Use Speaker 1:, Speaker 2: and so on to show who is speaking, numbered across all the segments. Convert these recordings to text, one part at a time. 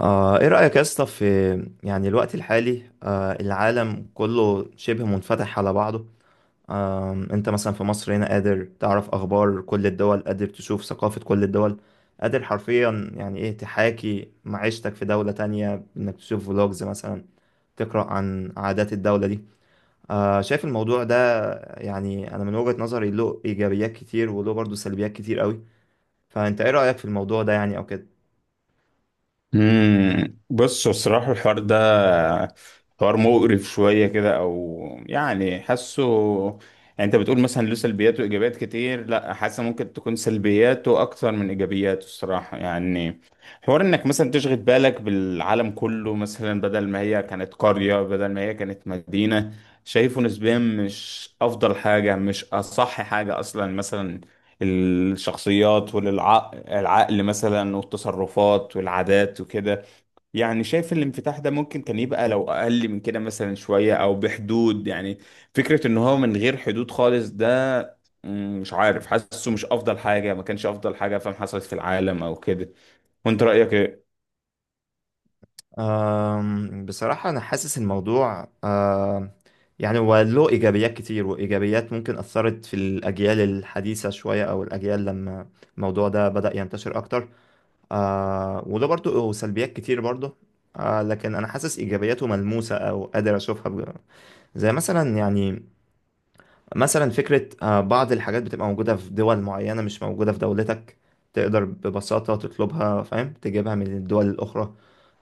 Speaker 1: ايه رأيك يا اسطى في يعني الوقت الحالي، العالم كله شبه منفتح على بعضه. انت مثلا في مصر هنا قادر تعرف اخبار كل الدول، قادر تشوف ثقافة كل الدول، قادر حرفيا يعني ايه تحاكي معيشتك في دولة تانية انك تشوف فلوجز مثلا، تقرأ عن عادات الدولة دي. شايف الموضوع ده؟ يعني انا من وجهة نظري له ايجابيات كتير وله برضه سلبيات كتير قوي. فانت ايه رأيك في الموضوع ده يعني او كده؟
Speaker 2: بص، هو الصراحة الحوار ده حوار مقرف شوية كده أو يعني حاسه. يعني أنت بتقول مثلا له سلبيات وإيجابيات كتير، لا حاسة ممكن تكون سلبياته أكتر من إيجابياته الصراحة يعني. حوار إنك مثلا تشغل بالك بالعالم كله، مثلا بدل ما هي كانت قرية بدل ما هي كانت مدينة، شايفه نسبيا مش أفضل حاجة، مش أصح حاجة أصلا مثلا. الشخصيات والعقل مثلا والتصرفات والعادات وكده. يعني شايف الانفتاح ده ممكن كان يبقى لو أقل من كده مثلا شوية أو بحدود يعني. فكرة إن هو من غير حدود خالص ده. مش عارف حاسه مش أفضل حاجة، ما كانش أفضل حاجة فاهم، حصلت في العالم أو كده. وأنت رأيك إيه؟
Speaker 1: بصراحة أنا حاسس الموضوع يعني هو له إيجابيات كتير، وإيجابيات ممكن أثرت في الأجيال الحديثة شوية أو الأجيال لما الموضوع ده بدأ ينتشر أكتر. وله برضه سلبيات كتير برضه. لكن أنا حاسس إيجابياته ملموسة أو قادر أشوفها زي مثلا يعني مثلا فكرة بعض الحاجات بتبقى موجودة في دول معينة مش موجودة في دولتك، تقدر ببساطة تطلبها فاهم تجيبها من الدول الأخرى.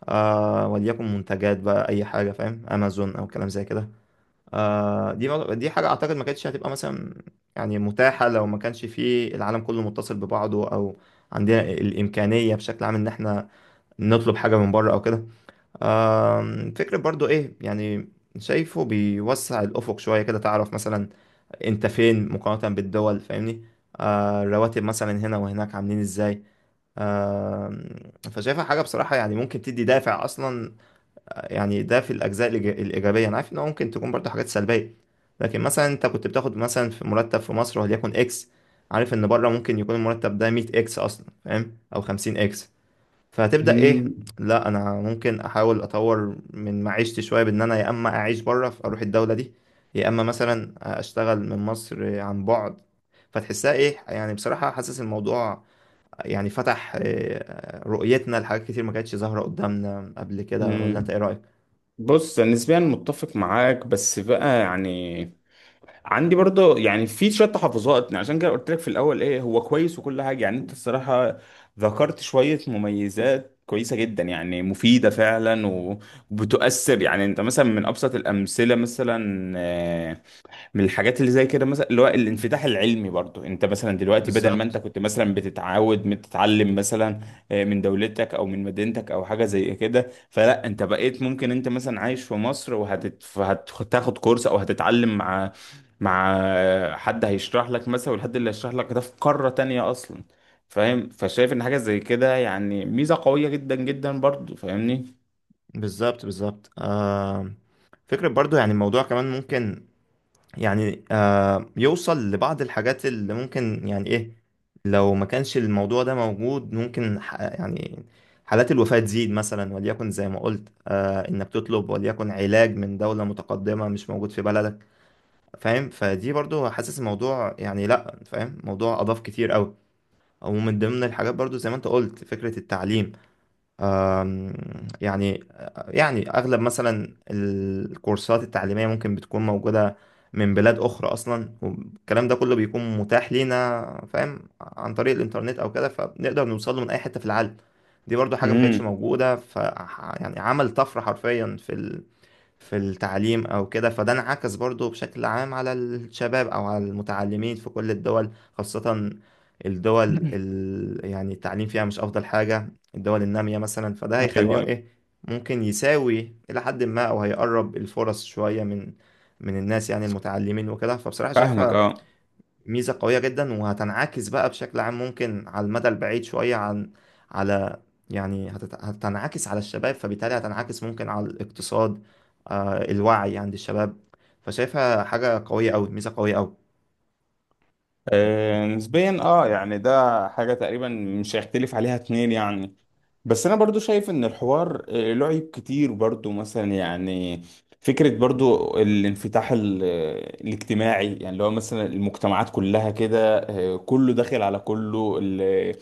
Speaker 1: وليكن منتجات بقى أي حاجة فاهم، أمازون أو كلام زي كده. دي حاجة أعتقد ما كانتش هتبقى مثلا يعني متاحة لو ما كانش في العالم كله متصل ببعضه، أو عندنا الإمكانية بشكل عام إن إحنا نطلب حاجة من بره أو كده. فكرة برضو إيه يعني، شايفه بيوسع الأفق شوية كده، تعرف مثلا انت فين مقارنة بالدول فاهمني. الرواتب مثلا هنا وهناك عاملين ازاي؟ آه فشايفها حاجة بصراحة يعني ممكن تدي دافع أصلا. يعني ده في الأجزاء الإيجابية. أنا عارف إن هو ممكن تكون برضه حاجات سلبية، لكن مثلا أنت كنت بتاخد مثلا في مرتب في مصر وليكن إكس، عارف إن بره ممكن يكون المرتب ده 100 إكس أصلا فاهم، أو 50 إكس. فهتبدأ ايه،
Speaker 2: مم.
Speaker 1: لا انا ممكن احاول اطور من معيشتي شوية بان انا يا اما اعيش بره اروح الدولة دي، يا اما مثلا اشتغل من مصر عن بعد. فتحسها ايه يعني بصراحة، حاسس الموضوع يعني فتح رؤيتنا لحاجات كتير ما كانتش ظاهرة قدامنا قبل كده. ولا انت
Speaker 2: مم.
Speaker 1: ايه رأيك؟
Speaker 2: بص، أنا نسبيا متفق معاك بس بقى يعني عندي برضه يعني في شويه تحفظات، يعني عشان كده قلت لك في الاول ايه، هو كويس وكل حاجه يعني. انت الصراحه ذكرت شويه مميزات كويسه جدا يعني مفيده فعلا وبتؤثر. يعني انت مثلا من ابسط الامثله مثلا، من الحاجات اللي زي كده مثلا، اللي هو الانفتاح العلمي. برضو انت مثلا دلوقتي بدل ما انت
Speaker 1: بالظبط
Speaker 2: كنت مثلا بتتعود بتتعلم مثلا من دولتك او من مدينتك او حاجه زي كده، فلا انت بقيت ممكن انت مثلا عايش في مصر وهتاخد كورس او هتتعلم مع مع حد هيشرح لك مثلا، والحد اللي هيشرح لك ده في قاره تانية اصلا فاهم. فشايف ان حاجه زي كده يعني ميزه قويه جدا جدا برضو فاهمني.
Speaker 1: بالظبط بالظبط. فكرة برضو يعني الموضوع كمان ممكن يعني يوصل لبعض الحاجات اللي ممكن يعني ايه، لو ما كانش الموضوع ده موجود ممكن يعني حالات الوفاة تزيد مثلا، وليكن زي ما قلت انك تطلب وليكن علاج من دولة متقدمة مش موجود في بلدك فاهم. فدي برضو حاسس الموضوع يعني لا فاهم، موضوع اضاف كتير قوي. ومن ضمن الحاجات برضو زي ما انت قلت فكرة التعليم. آم، يعني يعني أغلب مثلا الكورسات التعليمية ممكن بتكون موجودة من بلاد أخرى أصلا، والكلام ده كله بيكون متاح لينا فاهم عن طريق الإنترنت أو كده، فبنقدر نوصل له من أي حتة في العالم. دي برضو حاجة ما كانتش
Speaker 2: امم.
Speaker 1: موجودة يعني عمل طفرة حرفيا في التعليم او كده. فده انعكس برضو بشكل عام على الشباب او على المتعلمين في كل الدول، خاصة الدول يعني التعليم فيها مش افضل حاجة، الدول النامية مثلا. فده
Speaker 2: ايوه
Speaker 1: هيخليهم
Speaker 2: أيوة.
Speaker 1: ايه ممكن يساوي الى حد ما، او هيقرب الفرص شوية من الناس يعني المتعلمين وكده. فبصراحة
Speaker 2: فاهمك
Speaker 1: شايفها
Speaker 2: اه.
Speaker 1: ميزة قوية جدا، وهتنعكس بقى بشكل عام ممكن على المدى البعيد شوية عن على يعني هتنعكس على الشباب، فبالتالي هتنعكس ممكن على الاقتصاد، الوعي عند الشباب. فشايفها حاجة قوية أوي، ميزة قوية أوي.
Speaker 2: نسبيا اه، يعني ده حاجة تقريبا مش هيختلف عليها اتنين يعني. بس انا برضو شايف ان الحوار له عيب كتير برضو مثلا يعني. فكرة برضو الانفتاح الاجتماعي يعني اللي هو مثلا المجتمعات كلها كده، كله داخل على كله،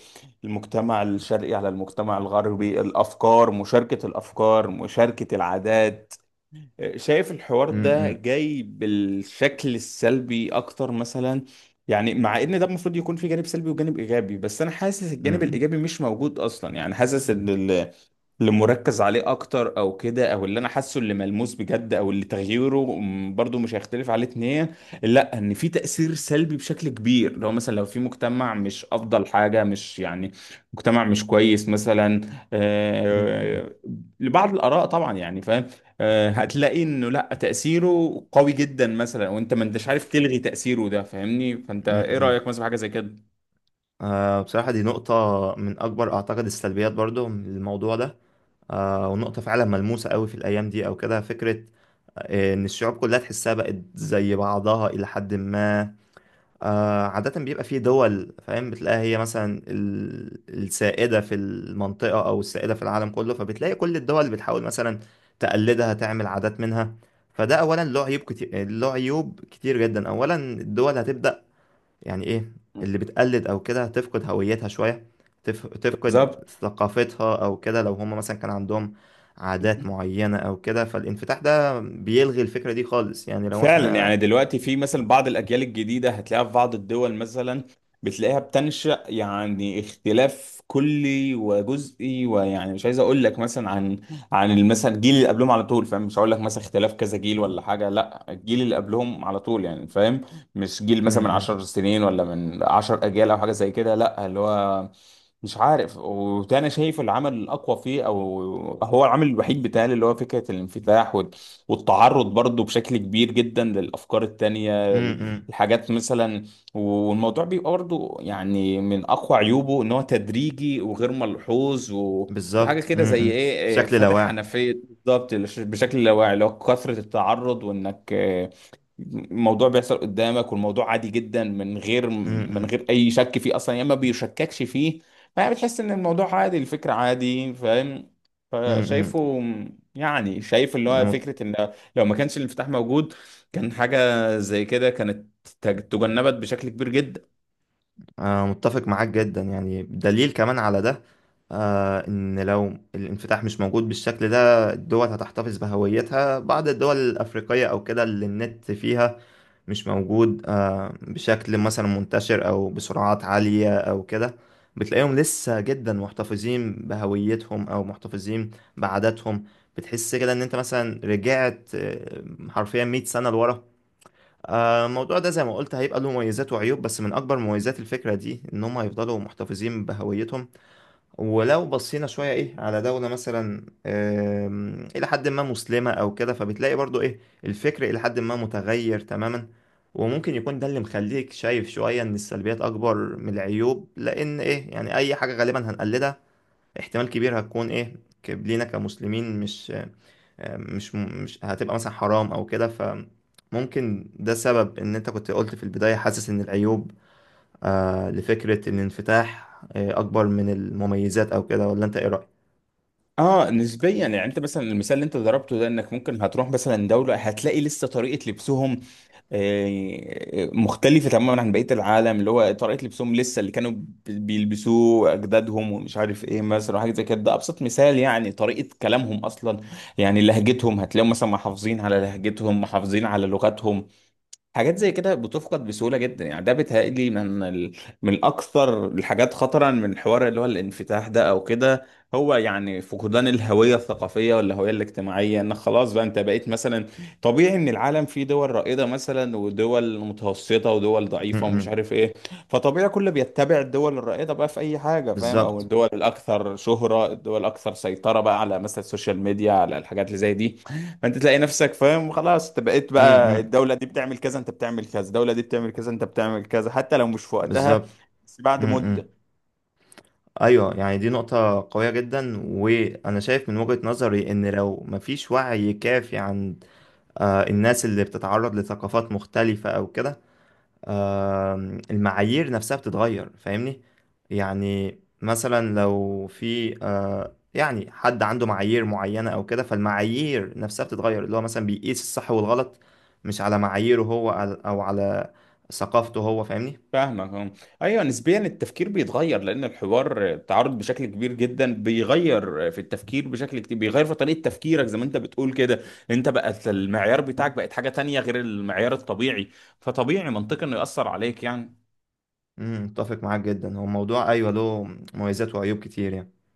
Speaker 2: المجتمع الشرقي على المجتمع الغربي، الافكار مشاركة، الافكار مشاركة العادات. شايف الحوار
Speaker 1: م-
Speaker 2: ده
Speaker 1: م-
Speaker 2: جاي بالشكل السلبي اكتر مثلا. يعني مع ان ده المفروض يكون في جانب سلبي وجانب ايجابي، بس انا حاسس الجانب
Speaker 1: م-
Speaker 2: الايجابي مش موجود اصلا يعني. حاسس ان اللي مركز عليه اكتر او كده، او اللي انا حاسه اللي ملموس بجد، او اللي تغييره برضو مش هيختلف عليه اتنين، لا ان في تأثير سلبي بشكل كبير. لو مثلا لو في مجتمع مش افضل حاجة، مش يعني مجتمع مش كويس مثلا،
Speaker 1: م-
Speaker 2: آه، لبعض الاراء طبعا يعني فاهم، هتلاقي انه لا تأثيره قوي جدا مثلا، وانت ما انتش عارف تلغي تأثيره ده فاهمني. فانت
Speaker 1: م-
Speaker 2: ايه
Speaker 1: م-
Speaker 2: رأيك مثلا في حاجة زي كده؟
Speaker 1: بصراحة دي نقطة من أكبر أعتقد السلبيات برضو من الموضوع ده. ونقطة فعلا ملموسة قوي في الأيام دي أو كده. فكرة إن الشعوب كلها تحسها بقت زي بعضها إلى حد ما. عادة بيبقى في دول فاهم، بتلاقيها هي مثلا السائدة في المنطقة أو السائدة في العالم كله، فبتلاقي كل الدول بتحاول مثلا تقلدها، تعمل عادات منها. فده أولا له عيوب كتير، له عيوب كتير جدا. أولا الدول هتبدأ يعني إيه، اللي بتقلد أو كده هتفقد هويتها شوية، تفقد
Speaker 2: بالظبط.
Speaker 1: ثقافتها أو كده. لو هم مثلا كان عندهم عادات معينة أو كده، فالانفتاح ده بيلغي الفكرة دي خالص. يعني لو
Speaker 2: فعلا
Speaker 1: إحنا
Speaker 2: يعني دلوقتي في مثلا بعض الأجيال الجديدة، هتلاقيها في بعض الدول مثلا، بتلاقيها بتنشأ يعني اختلاف كلي وجزئي. ويعني مش عايز أقول لك مثلا عن مثلا الجيل اللي قبلهم على طول فاهم، مش هقول لك مثلا اختلاف كذا جيل ولا حاجة، لا الجيل اللي قبلهم على طول يعني فاهم. مش جيل
Speaker 1: م
Speaker 2: مثلا من 10
Speaker 1: -م.
Speaker 2: سنين ولا من 10 أجيال أو حاجة زي كده، لا اللي هو مش عارف. وده انا شايف العمل الاقوى فيه، او هو العمل الوحيد بتاعي، اللي هو فكره الانفتاح والتعرض برضو بشكل كبير جدا للأفكار
Speaker 1: م-
Speaker 2: التانية،
Speaker 1: م.
Speaker 2: الحاجات مثلا. والموضوع بيبقى برضو يعني من أقوى عيوبه إن هو تدريجي وغير ملحوظ، وحاجة
Speaker 1: بالظبط،
Speaker 2: كده زي إيه.
Speaker 1: بشكل
Speaker 2: فاتح
Speaker 1: لاواعي.
Speaker 2: حنفية بالظبط، بشكل لا واعي، اللي هو كثرة التعرض. وإنك الموضوع بيحصل قدامك، والموضوع عادي جدا من غير
Speaker 1: امم
Speaker 2: اي شك فيه اصلا، يا اما بيشككش فيه. فبتحس ان الموضوع عادي، الفكره عادي فاهم.
Speaker 1: امم
Speaker 2: فشايفه يعني، شايف اللي
Speaker 1: انا
Speaker 2: هو
Speaker 1: مت-
Speaker 2: فكرة ان لو ما كانش الانفتاح موجود، كان حاجة زي كده كانت تجنبت بشكل كبير جدا.
Speaker 1: أنا متفق معاك جدا. يعني دليل كمان على ده، ان لو الانفتاح مش موجود بالشكل ده الدول هتحتفظ بهويتها. بعض الدول الافريقيه او كده اللي النت فيها مش موجود بشكل مثلا منتشر او بسرعات عاليه او كده، بتلاقيهم لسه جدا محتفظين بهويتهم او محتفظين بعاداتهم. بتحس كده ان انت مثلا رجعت حرفيا 100 سنه لورا. الموضوع ده زي ما قلت هيبقى له مميزات وعيوب، بس من اكبر مميزات الفكره دي ان هم هيفضلوا محتفظين بهويتهم. ولو بصينا شويه ايه على دوله مثلا الى حد ما مسلمه او كده، فبتلاقي برضو ايه الفكر الى حد ما متغير تماما. وممكن يكون ده اللي مخليك شايف شويه ان السلبيات اكبر من العيوب، لان ايه يعني اي حاجه غالبا هنقلدها احتمال كبير هتكون ايه لينا كمسلمين مش هتبقى مثلا حرام او كده. فممكن ده سبب ان انت كنت قلت في البداية حاسس ان العيوب لفكرة الانفتاح اكبر من المميزات او كده. ولا انت ايه رأيك؟
Speaker 2: اه نسبيا يعني، انت مثلا المثال اللي انت ضربته ده، انك ممكن هتروح مثلا دولة هتلاقي لسه طريقة لبسهم مختلفة تماما عن بقية العالم، اللي هو طريقة لبسهم لسه اللي كانوا بيلبسوه أجدادهم، ومش عارف إيه مثلا حاجة زي كده. ده أبسط مثال. يعني طريقة كلامهم أصلا، يعني لهجتهم، هتلاقيهم مثلا محافظين على لهجتهم، محافظين على لغتهم. حاجات زي كده بتفقد بسهولة جدا. يعني ده بيتهيألي من من أكثر الحاجات خطرا من حوار اللي هو الانفتاح ده أو كده، هو يعني فقدان الهوية الثقافية والهوية الاجتماعية. إن خلاص بقى أنت بقيت مثلا، طبيعي إن العالم فيه دول رائدة مثلا، ودول متوسطة، ودول
Speaker 1: م-
Speaker 2: ضعيفة، ومش
Speaker 1: م.
Speaker 2: عارف إيه. فطبيعي كله بيتبع الدول الرائدة بقى في أي حاجة فاهم، أو
Speaker 1: بالظبط.
Speaker 2: الدول الأكثر شهرة، الدول الأكثر سيطرة بقى على مثلا السوشيال ميديا، على الحاجات اللي زي دي. انت تلاقي نفسك فاهم خلاص، انت بقيت
Speaker 1: م-
Speaker 2: بقى
Speaker 1: م.
Speaker 2: الدوله دي بتعمل كذا انت بتعمل كذا، الدوله دي بتعمل كذا انت بتعمل كذا، حتى لو مش في وقتها
Speaker 1: بالظبط.
Speaker 2: بس بعد
Speaker 1: م- م.
Speaker 2: مده.
Speaker 1: ايوه، يعني دي نقطة قوية جدا، وانا شايف من وجهة نظري ان لو مفيش وعي كافي عند الناس اللي بتتعرض لثقافات مختلفة او كده، المعايير نفسها بتتغير فاهمني. يعني مثلا لو في يعني حد عنده معايير معينة او كده، فالمعايير نفسها بتتغير، اللي هو مثلا بيقيس الصح والغلط مش على معاييره هو، او على ثقافته هو فاهمني.
Speaker 2: فاهمك اه. ايوه نسبيا التفكير بيتغير، لان الحوار تعرض بشكل كبير جدا بيغير في التفكير بشكل كتير، بيغير في طريقه تفكيرك زي ما انت بتقول كده. انت بقت المعيار بتاعك بقت حاجه تانية غير المعيار الطبيعي. فطبيعي منطقي انه ياثر عليك يعني.
Speaker 1: متفق معاك جدا. هو الموضوع ايوه له مميزات وعيوب كتير يعني.